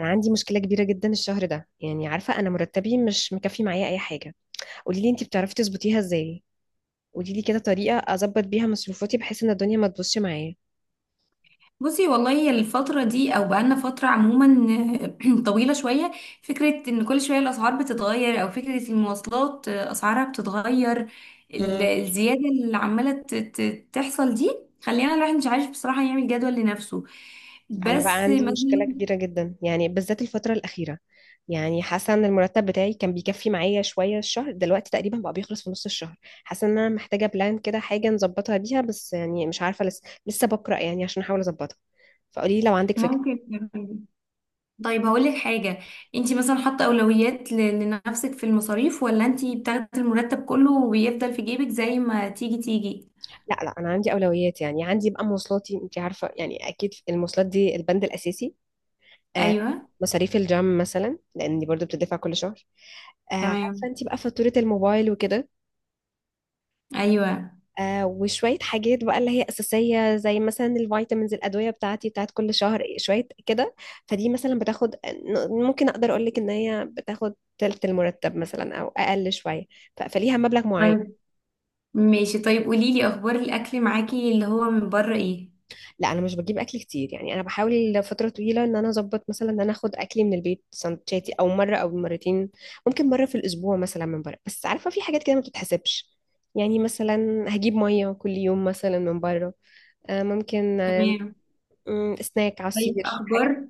انا عندي مشكله كبيره جدا الشهر ده، يعني عارفه انا مرتبي مش مكفي معايا اي حاجه. قولي لي انت بتعرفي تظبطيها ازاي؟ قولي لي كده طريقه اظبط بيها مصروفاتي بحيث ان الدنيا ما تبوظش معايا. بصي، والله الفترة دي أو بقالنا فترة عموما طويلة شوية. فكرة إن كل شوية الأسعار بتتغير، أو فكرة المواصلات أسعارها بتتغير، امم الزيادة اللي عمالة تحصل دي، خلينا الواحد مش عارف بصراحة يعمل جدول لنفسه. انا بقى بس عندي مشكله مثلا كبيره جدا، يعني بالذات الفتره الاخيره. يعني حاسه ان المرتب بتاعي كان بيكفي معايا شويه، الشهر دلوقتي تقريبا بقى بيخلص في نص الشهر. حاسه ان انا محتاجه بلان كده حاجه نظبطها بيها، بس يعني مش عارفه، لسه بقرا يعني عشان احاول اظبطها. فقولي لي لو عندك فكره. ممكن طيب هقول لك حاجة. انتي مثلا حاطة أولويات لنفسك في المصاريف، ولا انتي بتاخدي المرتب كله وبيفضل في جيبك زي ما تيجي تيجي؟ لا لا، انا عندي اولويات، يعني عندي بقى مواصلاتي، انت عارفه يعني اكيد المواصلات دي البند الاساسي. آه. أيوه. مصاريف الجيم مثلا لاني برضو بتدفع كل شهر. آه. عارفه تمام. انت بقى فاتوره الموبايل وكده. أيوه. آه، وشويه حاجات بقى اللي هي اساسيه زي مثلا الفيتامينز، الادويه بتاعتي بتاعت كل شهر، شويه كده. فدي مثلا بتاخد، ممكن اقدر اقول لك ان هي بتاخد تلت المرتب مثلا او اقل شويه. فليها مبلغ معين. طيب ماشي، طيب قولي لي اخبار الاكل معاكي اللي هو من بره ايه؟ لا، انا مش بجيب اكل كتير، يعني انا بحاول فتره طويله ان انا اظبط مثلا ان انا اخد اكلي من البيت، سندوتشاتي او مره او مرتين. ممكن مره في الاسبوع مثلا من بره، بس عارفه في حاجات كده ما بتتحسبش. يعني مثلا هجيب ميه كل يوم مثلا من بره. ممكن. تمام. سناك طيب عصير حاجات. اخبار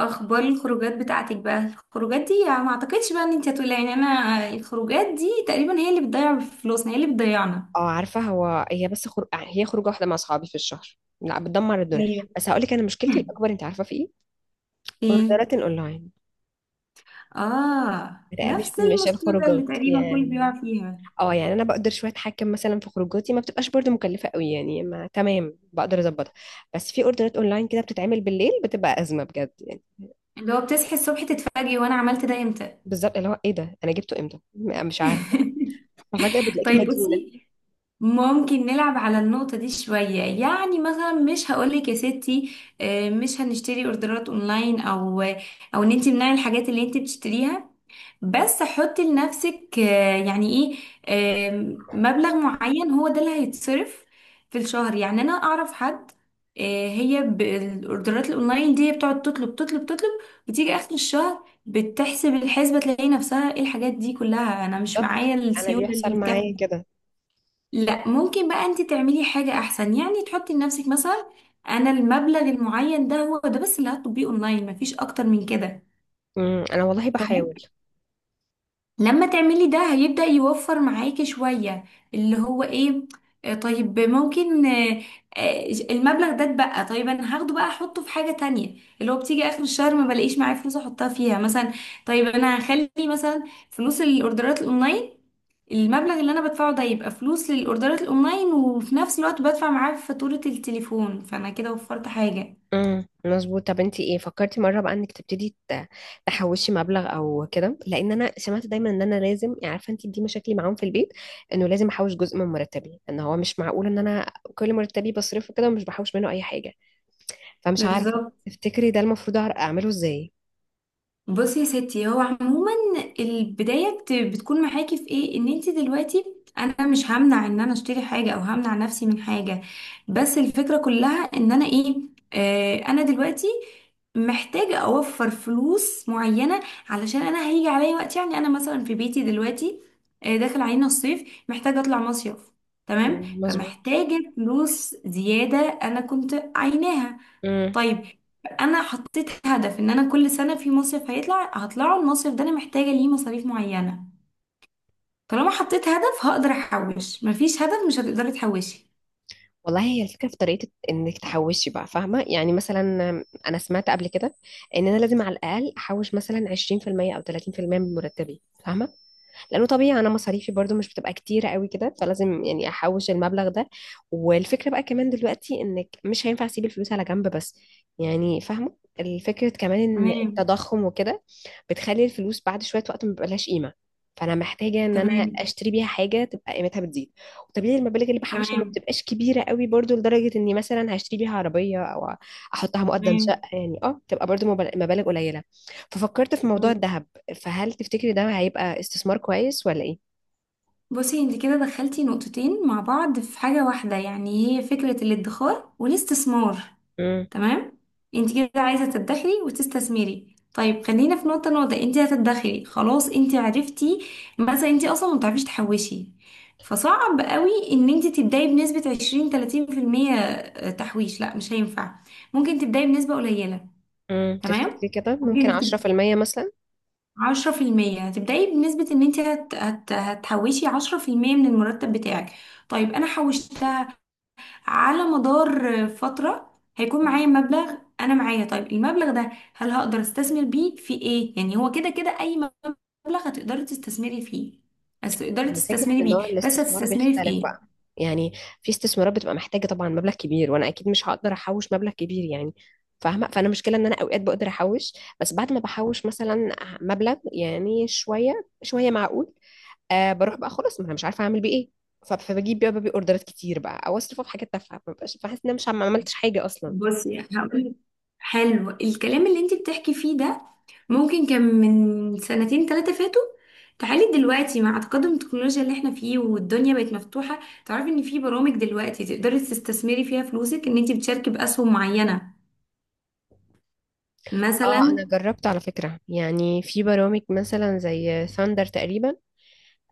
اخبار الخروجات بتاعتك بقى، الخروجات دي يعني ما اعتقدش بقى ان انت هتقولي يعني، انا الخروجات دي تقريبا هي اللي بتضيع فلوسنا، هي اللي بتضيعنا. اه، عارفه هو هي بس خر... آه، هي خروجه واحده مع اصحابي في الشهر لا بتدمر الدنيا. ايوه. بس هقول لك انا مشكلتي الاكبر انت عارفه في ايه. ايه؟ اوردرات اونلاين. اه، لا، مش نفس مش المشكلة اللي الخروجات تقريبا كل يعني. بيقع فيها، اه، يعني انا بقدر شويه اتحكم مثلا في خروجاتي، ما بتبقاش برضو مكلفه قوي يعني، ما تمام بقدر اظبطها. بس في اوردرات اونلاين كده بتتعمل بالليل، بتبقى ازمه بجد يعني. اللي هو بتصحي الصبح تتفاجئي وانا عملت ده امتى. بالظبط، اللي هو ايه ده، انا جبته امتى؟ مش عارفه. ففجاه بتلاقيكي طيب مديونه. بصي، ممكن نلعب على النقطة دي شوية. يعني مثلا مش هقولك يا ستي مش هنشتري اوردرات اونلاين، او او ان انت منعي الحاجات اللي انت بتشتريها، بس حطي لنفسك يعني ايه، مبلغ معين هو ده اللي هيتصرف في الشهر. يعني انا اعرف حد هي بالاوردرات الاونلاين دي هي بتقعد تطلب تطلب تطلب، بتيجي اخر الشهر بتحسب الحسبة تلاقي نفسها ايه الحاجات دي كلها، انا مش بالظبط، معايا انا السيولة بيحصل اللي تكفي. معايا كده. لا ممكن بقى انت تعملي حاجة احسن، يعني تحطي لنفسك مثلا، انا المبلغ المعين ده هو ده بس اللي هتطبقيه اونلاين، مفيش اكتر من كده. انا والله تمام. بحاول. لما تعملي ده هيبدأ يوفر معاكي شوية. اللي هو ايه، طيب ممكن، المبلغ ده اتبقى، طيب انا هاخده بقى احطه في حاجة تانية اللي هو بتيجي اخر الشهر ما بلاقيش معايا فلوس احطها فيها مثلا. طيب انا هخلي مثلا فلوس الاوردرات الاونلاين، المبلغ اللي انا بدفعه ده يبقى فلوس للاوردرات الاونلاين، وفي نفس الوقت بدفع معاه فاتورة التليفون، فانا كده وفرت حاجة. مظبوط. طب انت ايه فكرتي مره بقى انك تبتدي تحوشي مبلغ او كده؟ لان انا سمعت دايما ان انا لازم، يعني عارفه انت دي مشاكلي معاهم في البيت، انه لازم احوش جزء من مرتبي. ان هو مش معقول ان انا كل مرتبي بصرفه كده ومش بحوش منه اي حاجه. فمش عارفه بالظبط. تفتكري ده المفروض اعمله ازاي؟ بصي يا ستي، هو عموما البداية بتكون معاكي في ايه، ان انت دلوقتي انا مش همنع ان انا اشتري حاجة او همنع نفسي من حاجة، بس الفكرة كلها ان انا ايه، انا دلوقتي محتاجة اوفر فلوس معينة. علشان انا هيجي عليا وقت، يعني انا مثلا في بيتي دلوقتي داخل علينا الصيف، محتاجة اطلع مصيف. تمام، مم، مظبوط. فمحتاجة فلوس زيادة انا كنت عايناها. امم طيب انا حطيت هدف ان انا كل سنه في مصيف هيطلع هطلعه، المصيف ده انا محتاجه ليه مصاريف معينه. طالما حطيت هدف هقدر احوش، مفيش هدف مش هتقدري تحوشي. والله هي الفكره في طريقه انك تحوشي بقى، فاهمه يعني. مثلا انا سمعت قبل كده ان انا لازم على الاقل احوش مثلا 20% او 30% من مرتبي، فاهمه، لانه طبيعي انا مصاريفي برضو مش بتبقى كتيره قوي كده، فلازم يعني احوش المبلغ ده. والفكره بقى كمان دلوقتي انك مش هينفع اسيب الفلوس على جنب بس، يعني فاهمه الفكره كمان ان تمام، التضخم وكده بتخلي الفلوس بعد شويه وقت ما بيبقالهاش قيمه. فانا محتاجه ان انا تمام، اشتري بيها حاجه تبقى قيمتها بتزيد. وطبيعي المبالغ اللي بحوشها ما تمام، بتبقاش كبيره قوي برضو لدرجه اني مثلا هشتري بيها عربيه، او احطها مقدم تمام. شقه. يعني اه تبقى برضو مبالغ قليله. ففكرت في موضوع حلو. الذهب. فهل تفتكري ده هيبقى استثمار كويس ولا ايه؟ بصي انت كده دخلتي نقطتين مع بعض في حاجه واحده، يعني هي فكره الادخار والاستثمار. امم تمام. انت كده عايزه تدخري وتستثمري، طيب خلينا في نقطه نقطه. انت هتدخري، خلاص، انت عرفتي مثلا انت اصلا ما بتعرفيش تحوشي، فصعب قوي ان انت تبداي بنسبه 20 30% تحويش، لا مش هينفع، ممكن تبداي بنسبه قليله. تمام. تفتكري كده ممكن ممكن تب... 10% مثلا؟ 10% هتبداي بنسبه ان انت هتحوشي 10% من المرتب بتاعك. طيب انا حوشت على مدار فترة هيكون مم. معايا مبلغ، انا معايا، طيب المبلغ ده هل هقدر استثمر بيه في ايه؟ يعني هو كده كده اي مبلغ هتقدري تستثمري فيه، بس تقدري هي الفكرة تستثمري ان نوع بيه، بس الاستثمار هتستثمري في بيختلف ايه؟ بقى، يعني في استثمارات بتبقى محتاجة طبعا مبلغ كبير، وانا اكيد مش هقدر احوش مبلغ كبير يعني، فاهمة. فانا مشكلة ان انا اوقات بقدر احوش، بس بعد ما بحوش مثلا مبلغ يعني شوية شوية معقول، بروح بقى خلاص، ما انا مش عارفة اعمل بيه ايه. فبجيب بقى اوردرات كتير بقى، او اصرفه في حاجات تافهة ما ببقاش بحس ان انا مش عم- ما عملتش حاجة اصلا. بصي هقول، حلو الكلام اللي انت بتحكي فيه ده ممكن كان من سنتين ثلاثة فاتوا، تعالي دلوقتي مع تقدم التكنولوجيا اللي احنا فيه والدنيا بقت مفتوحة، تعرفي ان في برامج دلوقتي تقدري تستثمري فيها فلوسك، ان انت بتشاركي بأسهم معينة اه، مثلا. انا جربت على فكرة يعني في برامج مثلا زي ثاندر تقريبا.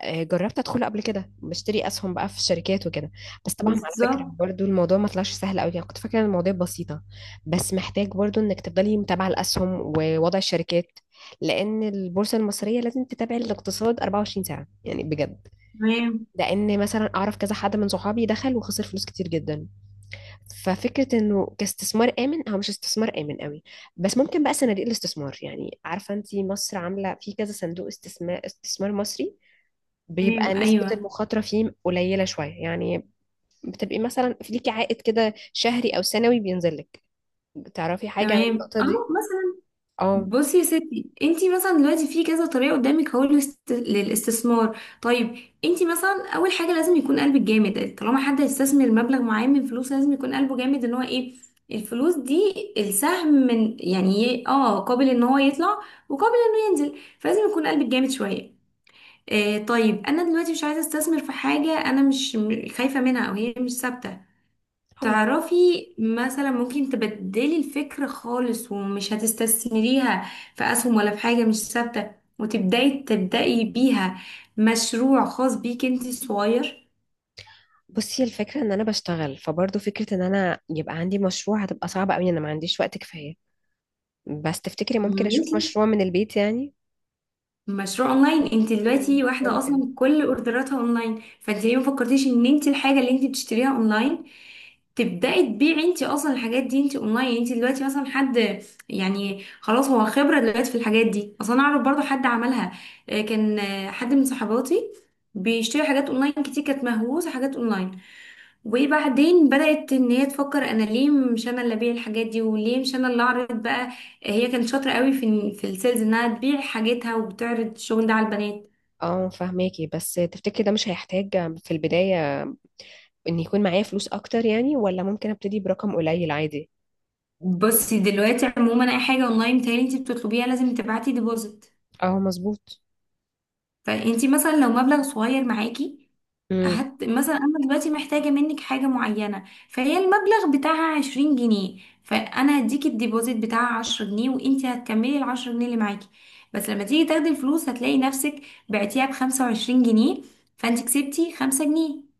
جربت ادخله قبل كده بشتري اسهم بقى في الشركات وكده. بس طبعا على فكرة بالظبط. برضو الموضوع ما طلعش سهل قوي يعني، كنت فاكرة إن الموضوع بسيطة. بس محتاج برضو انك تفضلي متابعة الاسهم ووضع الشركات، لان البورصة المصرية لازم تتابع الاقتصاد 24 ساعة يعني بجد. تمام. لان مثلا اعرف كذا حد من صحابي دخل وخسر فلوس كتير جدا. ففكرة انه كاستثمار آمن، هو مش استثمار آمن قوي. بس ممكن بقى صناديق الاستثمار، يعني عارفة انت مصر عاملة في كذا صندوق استثمار، استثمار مصري بيبقى تمام. نسبة ايوه. المخاطرة فيه قليلة شوية يعني. بتبقي مثلا في ليكي عائد كده شهري أو سنوي بينزل لك. تعرفي حاجة عن تمام، النقطة اه دي؟ مثلا. اه. بصي يا ستي، انتي مثلا دلوقتي في كذا طريقه قدامك اهو للاستثمار. طيب، انتي مثلا اول حاجه لازم يكون قلبك جامد، طالما حد هيستثمر مبلغ معين من فلوس لازم يكون قلبه جامد ان هو ايه، الفلوس دي السهم من يعني قابل ان هو يطلع وقابل انه ينزل، فلازم يكون قلبك جامد شويه. طيب انا دلوقتي مش عايزه استثمر في حاجه انا مش خايفه منها، او هي مش ثابته، اه، تعرفي. مثلا ممكن تبدلي الفكر خالص، ومش هتستثمريها في اسهم ولا في حاجة مش ثابتة، وتبدأي تبدأي بيها مشروع خاص بيك انت صغير. بصي الفكرة ان انا بشتغل، فبرضه فكرة ان انا يبقى عندي مشروع هتبقى صعبة قوي، انا ما عنديش وقت كفاية. بس تفتكري ممكن اشوف ماشي، مشروع من البيت يعني؟ مشروع اونلاين، انت مم، دلوقتي واحده ممكن. اصلا كل اوردراتها اونلاين، فانت ليه ما فكرتيش ان انت الحاجه اللي انت بتشتريها اونلاين تبداي تبيعي انت اصلا الحاجات دي، انت اونلاين، انت دلوقتي مثلا حد، يعني خلاص هو خبره دلوقتي في الحاجات دي اصلا. انا اعرف برضو حد عملها، كان حد من صحباتي بيشتري حاجات اونلاين كتير، كانت مهووسه حاجات اونلاين، وبعدين بدأت ان هي تفكر انا ليه مش انا اللي ابيع الحاجات دي، وليه مش انا اللي اعرض بقى. هي كانت شاطرة قوي في السيلز، انها تبيع حاجتها وبتعرض الشغل ده على البنات. اه، فهماكي، بس تفتكري ده مش هيحتاج في البداية ان يكون معايا فلوس اكتر يعني، ولا ممكن ابتدي برقم قليل عادي؟ بصي دلوقتي عموما اي حاجة اونلاين تاني انت بتطلبيها لازم تبعتي ديبوزيت، اه، مظبوط. فانت مثلا لو مبلغ صغير معاكي، امم مثلا انا دلوقتي محتاجه منك حاجه معينه فهي المبلغ بتاعها 20 جنيه، فانا هديكي الديبوزيت بتاعها 10 جنيه وانتي هتكملي ال 10 جنيه اللي معاكي، بس لما تيجي تاخدي الفلوس هتلاقي نفسك بعتيها ب 25 جنيه، فانت كسبتي 5 جنيه.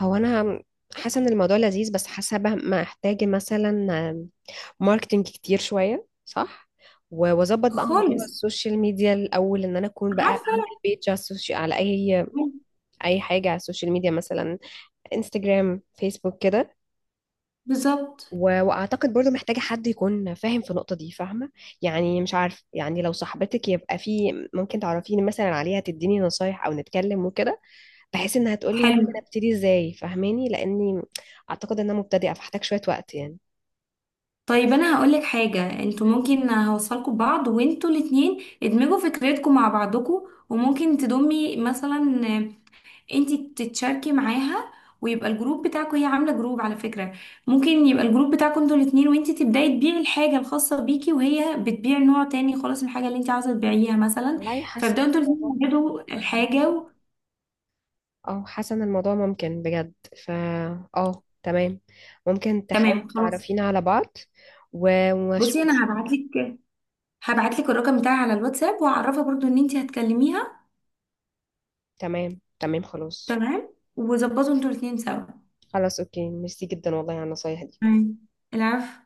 هو انا حاسة ان الموضوع لذيذ، بس حاسة بقى محتاجة مثلا ماركتينج كتير شوية، صح؟ واظبط بقى موضوع خالص. السوشيال ميديا الاول، ان انا اكون بقى عارفه. اعمل بيج على السوشيال، على اي اي حاجة على السوشيال ميديا مثلا، انستجرام، فيسبوك كده. بالظبط. واعتقد برضو محتاجة حد يكون فاهم في النقطة دي، فاهمة. يعني مش عارف، يعني لو صاحبتك يبقى في ممكن تعرفيني مثلا عليها، تديني نصايح او نتكلم وكده، بحيث انها تقولي حلو، ممكن ابتدي ازاي، فاهماني، لاني اعتقد ان انا مبتدئة فاحتاج شوية وقت يعني. طيب انا هقول لك حاجه، انتوا ممكن هوصلكوا ببعض وانتوا الاتنين ادمجوا فكرتكم مع بعضكم، وممكن تضمي مثلا انتي تتشاركي معاها، ويبقى الجروب بتاعكوا، هي عامله جروب على فكره، ممكن يبقى الجروب بتاعكوا انتوا الاتنين، وانتي تبداي تبيعي الحاجه الخاصه بيكي وهي بتبيع نوع تاني خالص من الحاجه اللي انتي عايزه تبيعيها مثلا، والله حاسة فابداوا إن انتوا الاتنين الموضوع ممكن تجدوا يبقى، الحاجه و... اه حاسة ان الموضوع ممكن بجد. فا اه، تمام. ممكن تحاولي تمام خلاص. تعرفينا على بعض بصي واشوف. انا هبعتلك الرقم بتاعي على الواتساب، وهعرفها برضو ان انتي هتكلميها. تمام، تمام، خلاص. تمام. وظبطوا انتوا الاتنين سوا. خلاص، اوكي، ميرسي جدا والله على النصايح دي. تمام. العفو.